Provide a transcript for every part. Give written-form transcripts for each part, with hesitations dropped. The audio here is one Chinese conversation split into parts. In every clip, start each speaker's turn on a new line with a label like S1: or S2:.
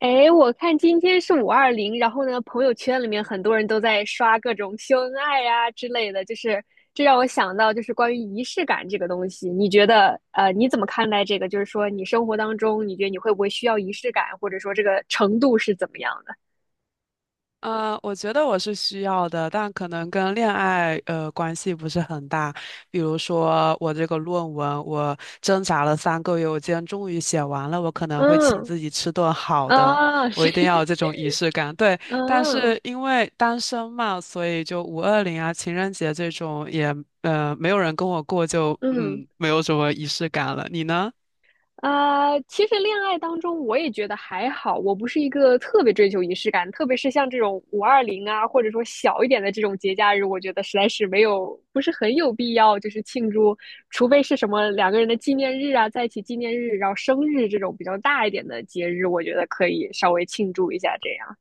S1: 哎，我看今天是五二零，然后呢，朋友圈里面很多人都在刷各种秀恩爱呀、之类的，就是这让我想到就是关于仪式感这个东西。你觉得你怎么看待这个？就是说你生活当中，你觉得你会不会需要仪式感，或者说这个程度是怎么样的？
S2: 我觉得我是需要的，但可能跟恋爱关系不是很大。比如说我这个论文，我挣扎了3个月，我今天终于写完了，我可能会请
S1: 嗯，
S2: 自己吃顿好的，
S1: 啊，
S2: 我
S1: 是，
S2: 一定要有 这种仪式感。对，但
S1: 嗯
S2: 是因为单身嘛，所以就五二零啊、情人节这种也没有人跟我过就，
S1: 嗯。
S2: 没有什么仪式感了。你呢？
S1: 啊，其实恋爱当中我也觉得还好，我不是一个特别追求仪式感，特别是像这种五二零啊，或者说小一点的这种节假日，我觉得实在是没有，不是很有必要就是庆祝，除非是什么两个人的纪念日啊，在一起纪念日，然后生日这种比较大一点的节日，我觉得可以稍微庆祝一下这样。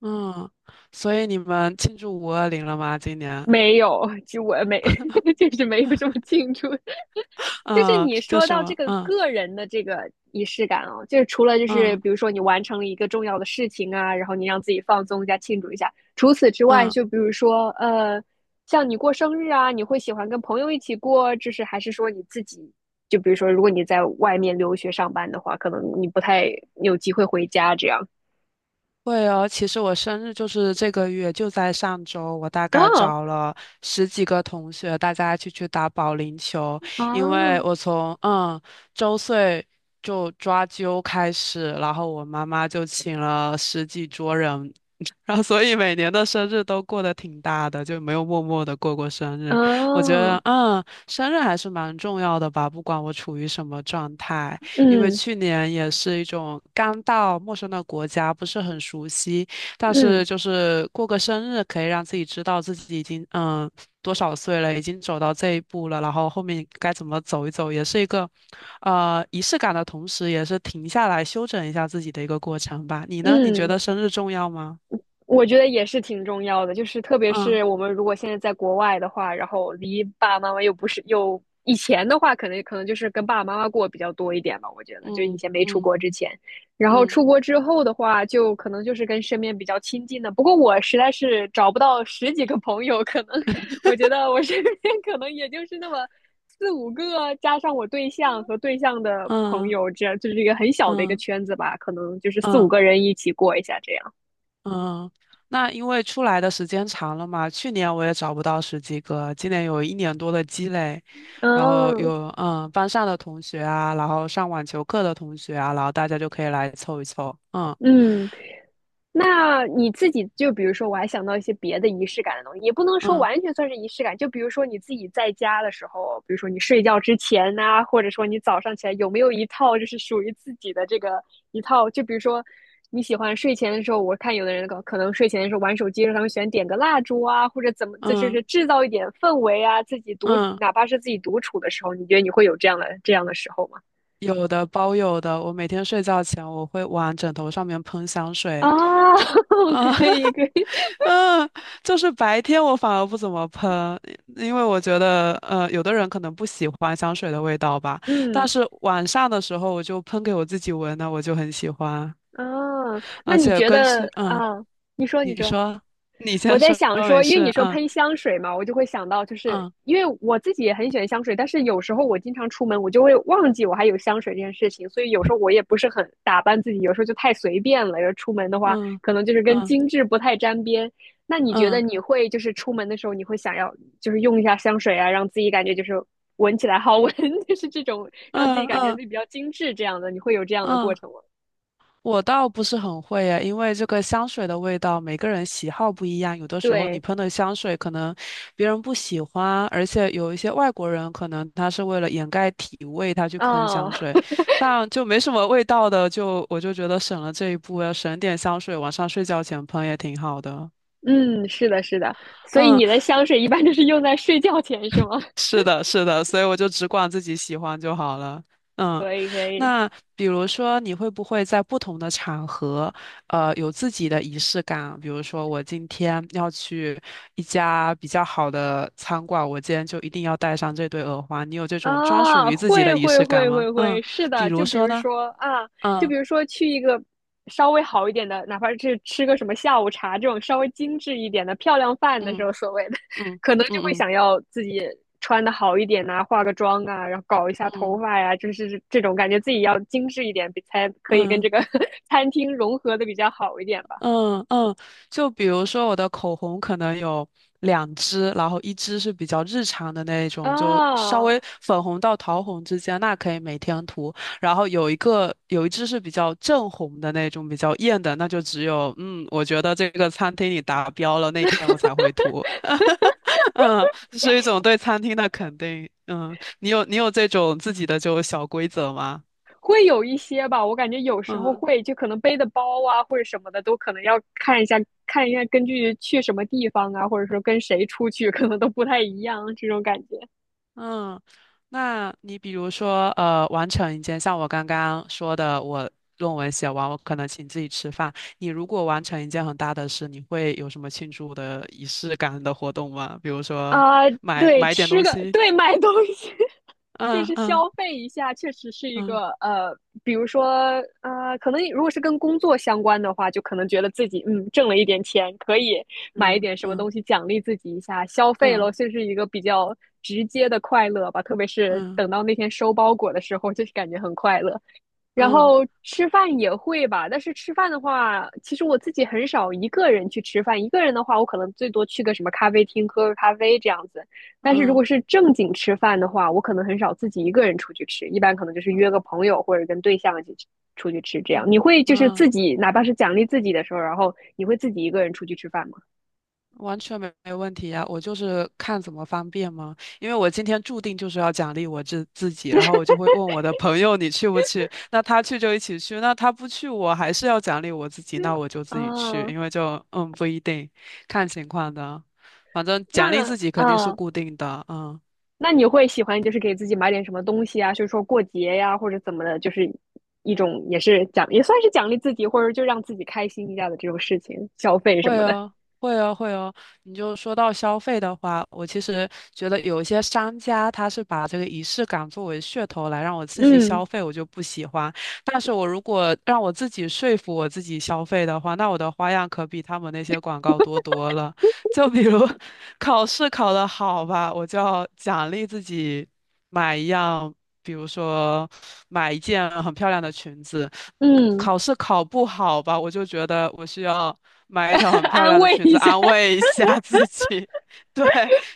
S2: 嗯，所以你们庆祝五二零了吗？今年？
S1: 没有，就我没，就是没有这么庆祝。 就是
S2: 嗯，
S1: 你
S2: 就
S1: 说
S2: 什
S1: 到这
S2: 么？
S1: 个
S2: 嗯
S1: 个人的这个仪式感哦，就是除了就是
S2: 嗯。
S1: 比如说你完成了一个重要的事情啊，然后你让自己放松一下、庆祝一下。除此之外，
S2: 嗯，
S1: 就比如说像你过生日啊，你会喜欢跟朋友一起过，就是还是说你自己？就比如说，如果你在外面留学上班的话，可能你不太有机会回家这样。
S2: 会哦。其实我生日就是这个月，就在上周，我大概
S1: 哦，
S2: 找了十几个同学，大家一起去打保龄球。因为
S1: 哦，
S2: 我从周岁就抓阄开始，然后我妈妈就请了十几桌人，然后所以每年的生日都过得挺大的，就没有默默的过过生日。我觉得
S1: 哦，
S2: 生日还是蛮重要的吧，不管我处于什么状态。因为
S1: 嗯
S2: 去年也是一种刚到陌生的国家，不是很熟悉，但是
S1: 嗯
S2: 就是过个生日，可以让自己知道自己已经多少岁了，已经走到这一步了，然后后面该怎么走一走，也是一个仪式感的同时，也是停下来休整一下自己的一个过程吧。你呢？你觉
S1: 嗯
S2: 得生日重要吗？
S1: 我觉得也是挺重要的，就是特别
S2: 嗯
S1: 是我们如果现在在国外的话，然后离爸爸妈妈又不是又以前的话，可能就是跟爸爸妈妈过比较多一点吧。我觉得就以
S2: 嗯
S1: 前没出
S2: 嗯
S1: 国之前，然后
S2: 嗯
S1: 出国之后的话，就可能就是跟身边比较亲近的。不过我实在是找不到十几个朋友，可能我觉得我身边 可能也就是那么四五个，加上我对象和对象的朋
S2: 嗯
S1: 友，这样就是一个很小的一个
S2: 嗯
S1: 圈子吧，可能就是四五
S2: 嗯。
S1: 个人一起过一下这样。
S2: 嗯，那因为出来的时间长了嘛，去年我也找不到十几个，今年有一年多的积累，然后
S1: 嗯。
S2: 有班上的同学啊，然后上网球课的同学啊，然后大家就可以来凑一凑。嗯
S1: 嗯，那你自己就比如说，我还想到一些别的仪式感的东西，也不能说
S2: 嗯
S1: 完全算是仪式感。就比如说你自己在家的时候，比如说你睡觉之前呐、或者说你早上起来，有没有一套就是属于自己的这个一套？就比如说你喜欢睡前的时候，我看有的人可能睡前的时候玩手机的时候，他们喜欢点个蜡烛啊，或者怎么，这就是
S2: 嗯
S1: 制造一点氛围啊。自己独，
S2: 嗯。
S1: 哪怕是自己独处的时候，你觉得你会有这样的时候吗？
S2: 有的，我每天睡觉前我会往枕头上面喷香
S1: 啊，
S2: 水，就 啊。
S1: 可以可以，
S2: 嗯，就是白天我反而不怎么喷，因为我觉得，有的人可能不喜欢香水的味道吧。但
S1: 嗯。
S2: 是晚上的时候，我就喷给我自己闻呢，我就很喜欢。
S1: 哦，那
S2: 而
S1: 你
S2: 且
S1: 觉
S2: 根
S1: 得
S2: 据，
S1: 啊？你说，你
S2: 你
S1: 说，
S2: 说，你
S1: 我
S2: 先
S1: 在
S2: 说，
S1: 想说，
S2: 没
S1: 因为你
S2: 事。
S1: 说
S2: 嗯
S1: 喷香水嘛，我就会想到，就是
S2: 嗯
S1: 因为我自己也很喜欢香水，但是有时候我经常出门，我就会忘记我还有香水这件事情，所以有时候我也不是很打扮自己，有时候就太随便了。要出门的话，
S2: 嗯
S1: 可能就是跟
S2: 嗯
S1: 精致不太沾边。那你觉得
S2: 嗯
S1: 你会就是出门的时候，你会想要就是用一下香水啊，让自己感觉就是闻起来好闻，就是这种让自己
S2: 嗯嗯
S1: 感觉自
S2: 嗯。
S1: 己比较精致这样的，你会有这样的过
S2: 嗯
S1: 程吗？
S2: 我倒不是很会耶，因为这个香水的味道，每个人喜好不一样。有的时候你
S1: 对，
S2: 喷的香水可能别人不喜欢，而且有一些外国人可能他是为了掩盖体味，他去喷香
S1: 啊。
S2: 水，但就没什么味道的，就我就觉得省了这一步，要省点香水，晚上睡觉前喷也挺好的。
S1: 嗯，是的，是的，所以
S2: 嗯，
S1: 你的香水一般都是用在睡觉前是吗？
S2: 是的，是的，所以我就只管自己喜欢就好了。嗯，
S1: 可以，可以。
S2: 那比如说，你会不会在不同的场合，有自己的仪式感？比如说，我今天要去一家比较好的餐馆，我今天就一定要带上这对耳环。你有这种专属
S1: 啊，
S2: 于自己
S1: 会
S2: 的仪
S1: 会
S2: 式感
S1: 会
S2: 吗？
S1: 会会，
S2: 嗯，
S1: 是
S2: 比
S1: 的，就
S2: 如
S1: 比
S2: 说
S1: 如
S2: 呢？
S1: 说啊，就
S2: 嗯
S1: 比如说去一个稍微好一点的，哪怕是吃个什么下午茶这种稍微精致一点的漂亮饭的时
S2: 嗯
S1: 候，所谓的，
S2: 嗯
S1: 可能就
S2: 嗯
S1: 会
S2: 嗯
S1: 想要自己穿的好一点呐、化个妆啊，然后搞一下
S2: 嗯
S1: 头
S2: 嗯。
S1: 发呀、就是这种感觉自己要精致一点，比才可以跟
S2: 嗯
S1: 这个 餐厅融合的比较好一点吧。
S2: 嗯嗯，就比如说我的口红可能有两支，然后一支是比较日常的那种，就稍
S1: 啊，
S2: 微粉红到桃红之间，那可以每天涂。然后有一支是比较正红的那种，比较艳的，那就只有我觉得这个餐厅里达标了，那天我才会涂。嗯，是一种对餐厅的肯定。嗯，你有这种自己的就小规则吗？
S1: 会有一些吧，我感觉有时候
S2: 嗯。
S1: 会，就可能背的包啊或者什么的，都可能要看一下，看一下根据去什么地方啊，或者说跟谁出去，可能都不太一样这种感觉。
S2: 嗯，那你比如说，完成一件，像我刚刚说的，我论文写完，我可能请自己吃饭。你如果完成一件很大的事，你会有什么庆祝的仪式感的活动吗？比如说
S1: 啊。
S2: 买
S1: 对，
S2: 买点
S1: 吃
S2: 东
S1: 个，
S2: 西。
S1: 对，买东西，就
S2: 嗯
S1: 是
S2: 嗯
S1: 消费一下，确实是一
S2: 嗯
S1: 个比如说可能如果是跟工作相关的话，就可能觉得自己挣了一点钱，可以买一
S2: 嗯
S1: 点什么
S2: 嗯
S1: 东西奖励自己一下，消费咯，
S2: 嗯
S1: 就是一个比较直接的快乐吧。特别是
S2: 嗯
S1: 等到那天收包裹的时候，就是感觉很快乐。然
S2: 嗯嗯
S1: 后吃饭也会吧，但是吃饭的话，其实我自己很少一个人去吃饭。一个人的话，我可能最多去个什么咖啡厅喝个咖啡这样子。但是如
S2: 嗯
S1: 果是正经吃饭的话，我可能很少自己一个人出去吃，一般可能就是约
S2: 嗯
S1: 个朋友或者跟对象一起去出去吃这样。
S2: 嗯
S1: 你会就是
S2: 嗯。
S1: 自己，哪怕是奖励自己的时候，然后你会自己一个人出去吃饭吗？
S2: 完全没问题呀，我就是看怎么方便嘛。因为我今天注定就是要奖励我自己，然后我就会问我的朋友你去不去？那他去就一起去，那他不去我还是要奖励我自己，
S1: 对
S2: 那我就自己去，
S1: 啊，
S2: 因为就不一定，看情况的。反正奖励
S1: 那
S2: 自己肯定是
S1: 啊，
S2: 固定的。嗯。
S1: 那你会喜欢就是给自己买点什么东西啊？就是说过节呀、或者怎么的，就是一种也是奖，也算是奖励自己，或者就让自己开心一下的这种事情，消费什
S2: 会
S1: 么的。
S2: 哦，会哦，会哦。你就说到消费的话，我其实觉得有一些商家他是把这个仪式感作为噱头来让我刺激
S1: 嗯
S2: 消费，我就不喜欢。但是我如果让我自己说服我自己消费的话，那我的花样可比他们那些广告多多了。就比如 考试考得好吧，我就要奖励自己买一样，比如说。买一件很漂亮的裙子。
S1: 嗯，
S2: 考试考不好吧，我就觉得我需要买一条很 漂
S1: 安
S2: 亮的
S1: 慰
S2: 裙子
S1: 一下。
S2: 安 慰一下 自己。对，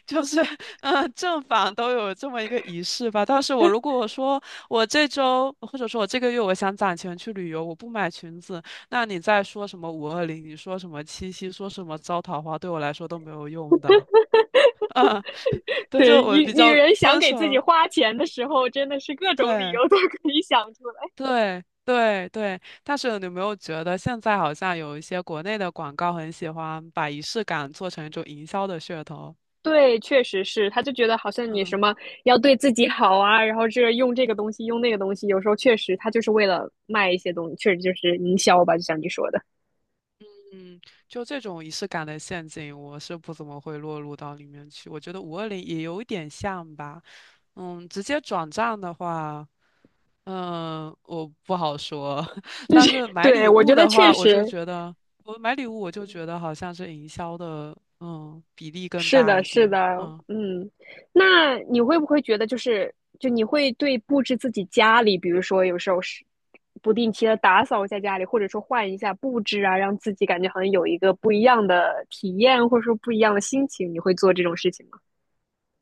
S2: 就是，正反都有这么一个仪式吧。但是我如果说我这周或者说我这个月我想攒钱去旅游，我不买裙子，那你再说什么五二零，你说什么七夕，说什么招桃花，对我来说都没有用的。对，就
S1: 对，
S2: 我
S1: 女
S2: 比
S1: 女
S2: 较
S1: 人想
S2: 遵
S1: 给自己
S2: 守，
S1: 花钱的时候，真的是各种理
S2: 对。
S1: 由都可以想出来。
S2: 对对对，但是你有没有觉得现在好像有一些国内的广告很喜欢把仪式感做成一种营销的噱头？
S1: 对，确实是，他就觉得好像你什
S2: 嗯
S1: 么要对自己好啊，然后这用这个东西，用那个东西，有时候确实他就是为了卖一些东西，确实就是营销吧，就像你说的。
S2: 嗯，就这种仪式感的陷阱，我是不怎么会落入到里面去。我觉得五二零也有一点像吧。嗯，直接转账的话，我不好说。但是买
S1: 对，
S2: 礼
S1: 我觉
S2: 物
S1: 得
S2: 的
S1: 确
S2: 话，我就
S1: 实
S2: 觉得我买礼物，我就觉得好像是营销的，比例更
S1: 是
S2: 大
S1: 的，
S2: 一
S1: 是的，
S2: 点。嗯。
S1: 嗯，那你会不会觉得就是，就你会对布置自己家里，比如说有时候是不定期的打扫一下家里，或者说换一下布置啊，让自己感觉好像有一个不一样的体验，或者说不一样的心情，你会做这种事情吗？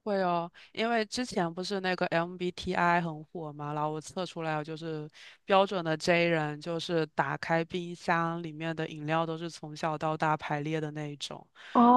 S2: 会哦，因为之前不是那个 MBTI 很火嘛，然后我测出来就是标准的 J 人，就是打开冰箱里面的饮料都是从小到大排列的那一种。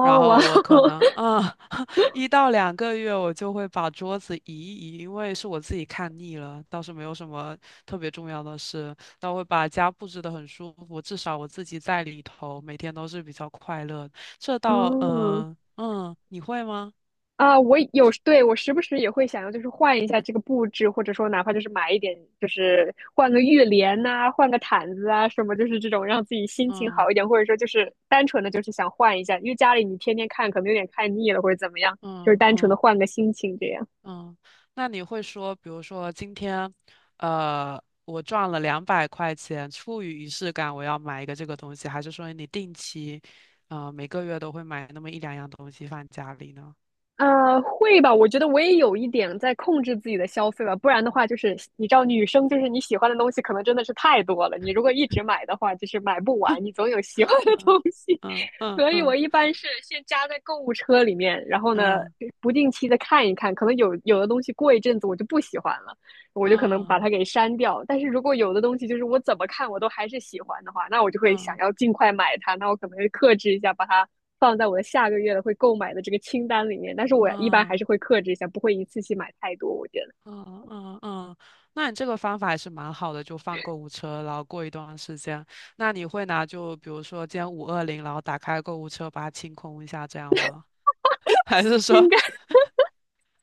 S2: 然
S1: 哇
S2: 后我可
S1: 哦，
S2: 能1到2个月我就会把桌子移一移，因为是我自己看腻了，倒是没有什么特别重要的事，但我会把家布置得很舒服，至少我自己在里头每天都是比较快乐。这 倒
S1: 嗯。
S2: 你会吗？
S1: 啊，我有，时对，我时不时也会想要，就是换一下这个布置，或者说哪怕就是买一点，就是换个浴帘呐、换个毯子啊，什么，就是这种让自己心情
S2: 嗯。
S1: 好一点，或者说就是单纯的就是想换一下，因为家里你天天看可能有点看腻了，或者怎么样，就是
S2: 嗯
S1: 单纯的
S2: 嗯
S1: 换个心情这样。
S2: 嗯，那你会说，比如说今天，我赚了200块钱，出于仪式感，我要买一个这个东西，还是说你定期，每个月都会买那么一两样东西放家里呢？
S1: 呃，会吧？我觉得我也有一点在控制自己的消费吧，不然的话，就是你知道，女生就是你喜欢的东西可能真的是太多了，你如果一直买的话，就是买不完，你总有喜欢的
S2: 嗯
S1: 东西。
S2: 嗯 嗯
S1: 所以我
S2: 嗯
S1: 一般是先加在购物车里面，然后呢，
S2: 嗯
S1: 不定期的看一看，可能有的东西过一阵子我就不喜欢了。我就可能把
S2: 嗯
S1: 它
S2: 嗯
S1: 给删掉。但是如果有的东西就是我怎么看我都还是喜欢的话，那我就会想
S2: 嗯
S1: 要尽快买它。那我可能会克制一下，把它放在我的下个月的会购买的这个清单里面。但是我一般还是会克制一下，不会一次性买太多。我觉得
S2: 嗯嗯嗯，那你这个方法还是蛮好的，就放购物车，然后过一段时间，那你会拿就比如说今天五二零，然后打开购物车把它清空一下，这样吗？还是说，
S1: 应该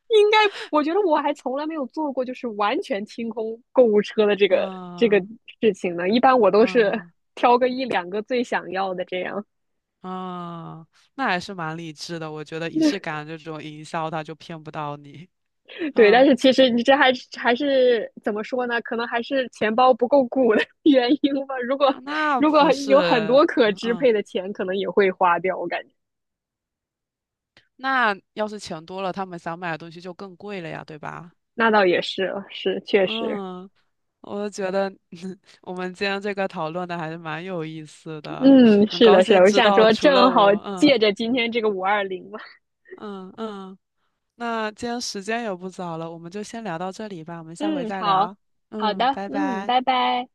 S1: 应该，我觉得我还从来没有做过就是完全清空购物车的这个这个
S2: 啊
S1: 事情呢。一般我都是
S2: 啊
S1: 挑个一两个最想要的这样。
S2: 啊，那还是蛮理智的。我觉得仪式感这种营销，他就骗不到你。
S1: 对，但
S2: 嗯，
S1: 是其实你这还是怎么说呢？可能还是钱包不够鼓的原因吧。如果
S2: 啊那
S1: 如果
S2: 不是，
S1: 有很多可
S2: 嗯
S1: 支
S2: 嗯，
S1: 配的钱，可能也会花掉。我感觉
S2: 那要是钱多了，他们想买的东西就更贵了呀，对吧？
S1: 那倒也是，是确实，
S2: 嗯，我觉得 我们今天这个讨论的还是蛮有意思的，
S1: 嗯，
S2: 很
S1: 是
S2: 高
S1: 的，是的。
S2: 兴
S1: 我
S2: 知
S1: 想
S2: 道
S1: 说，
S2: 除了
S1: 正好
S2: 我。
S1: 借
S2: 嗯
S1: 着今天这个五二零嘛，
S2: 嗯嗯，那今天时间也不早了，我们就先聊到这里吧，我们下回
S1: 嗯，
S2: 再
S1: 好，
S2: 聊。
S1: 好
S2: 嗯，
S1: 的，
S2: 拜
S1: 嗯，
S2: 拜。
S1: 拜拜。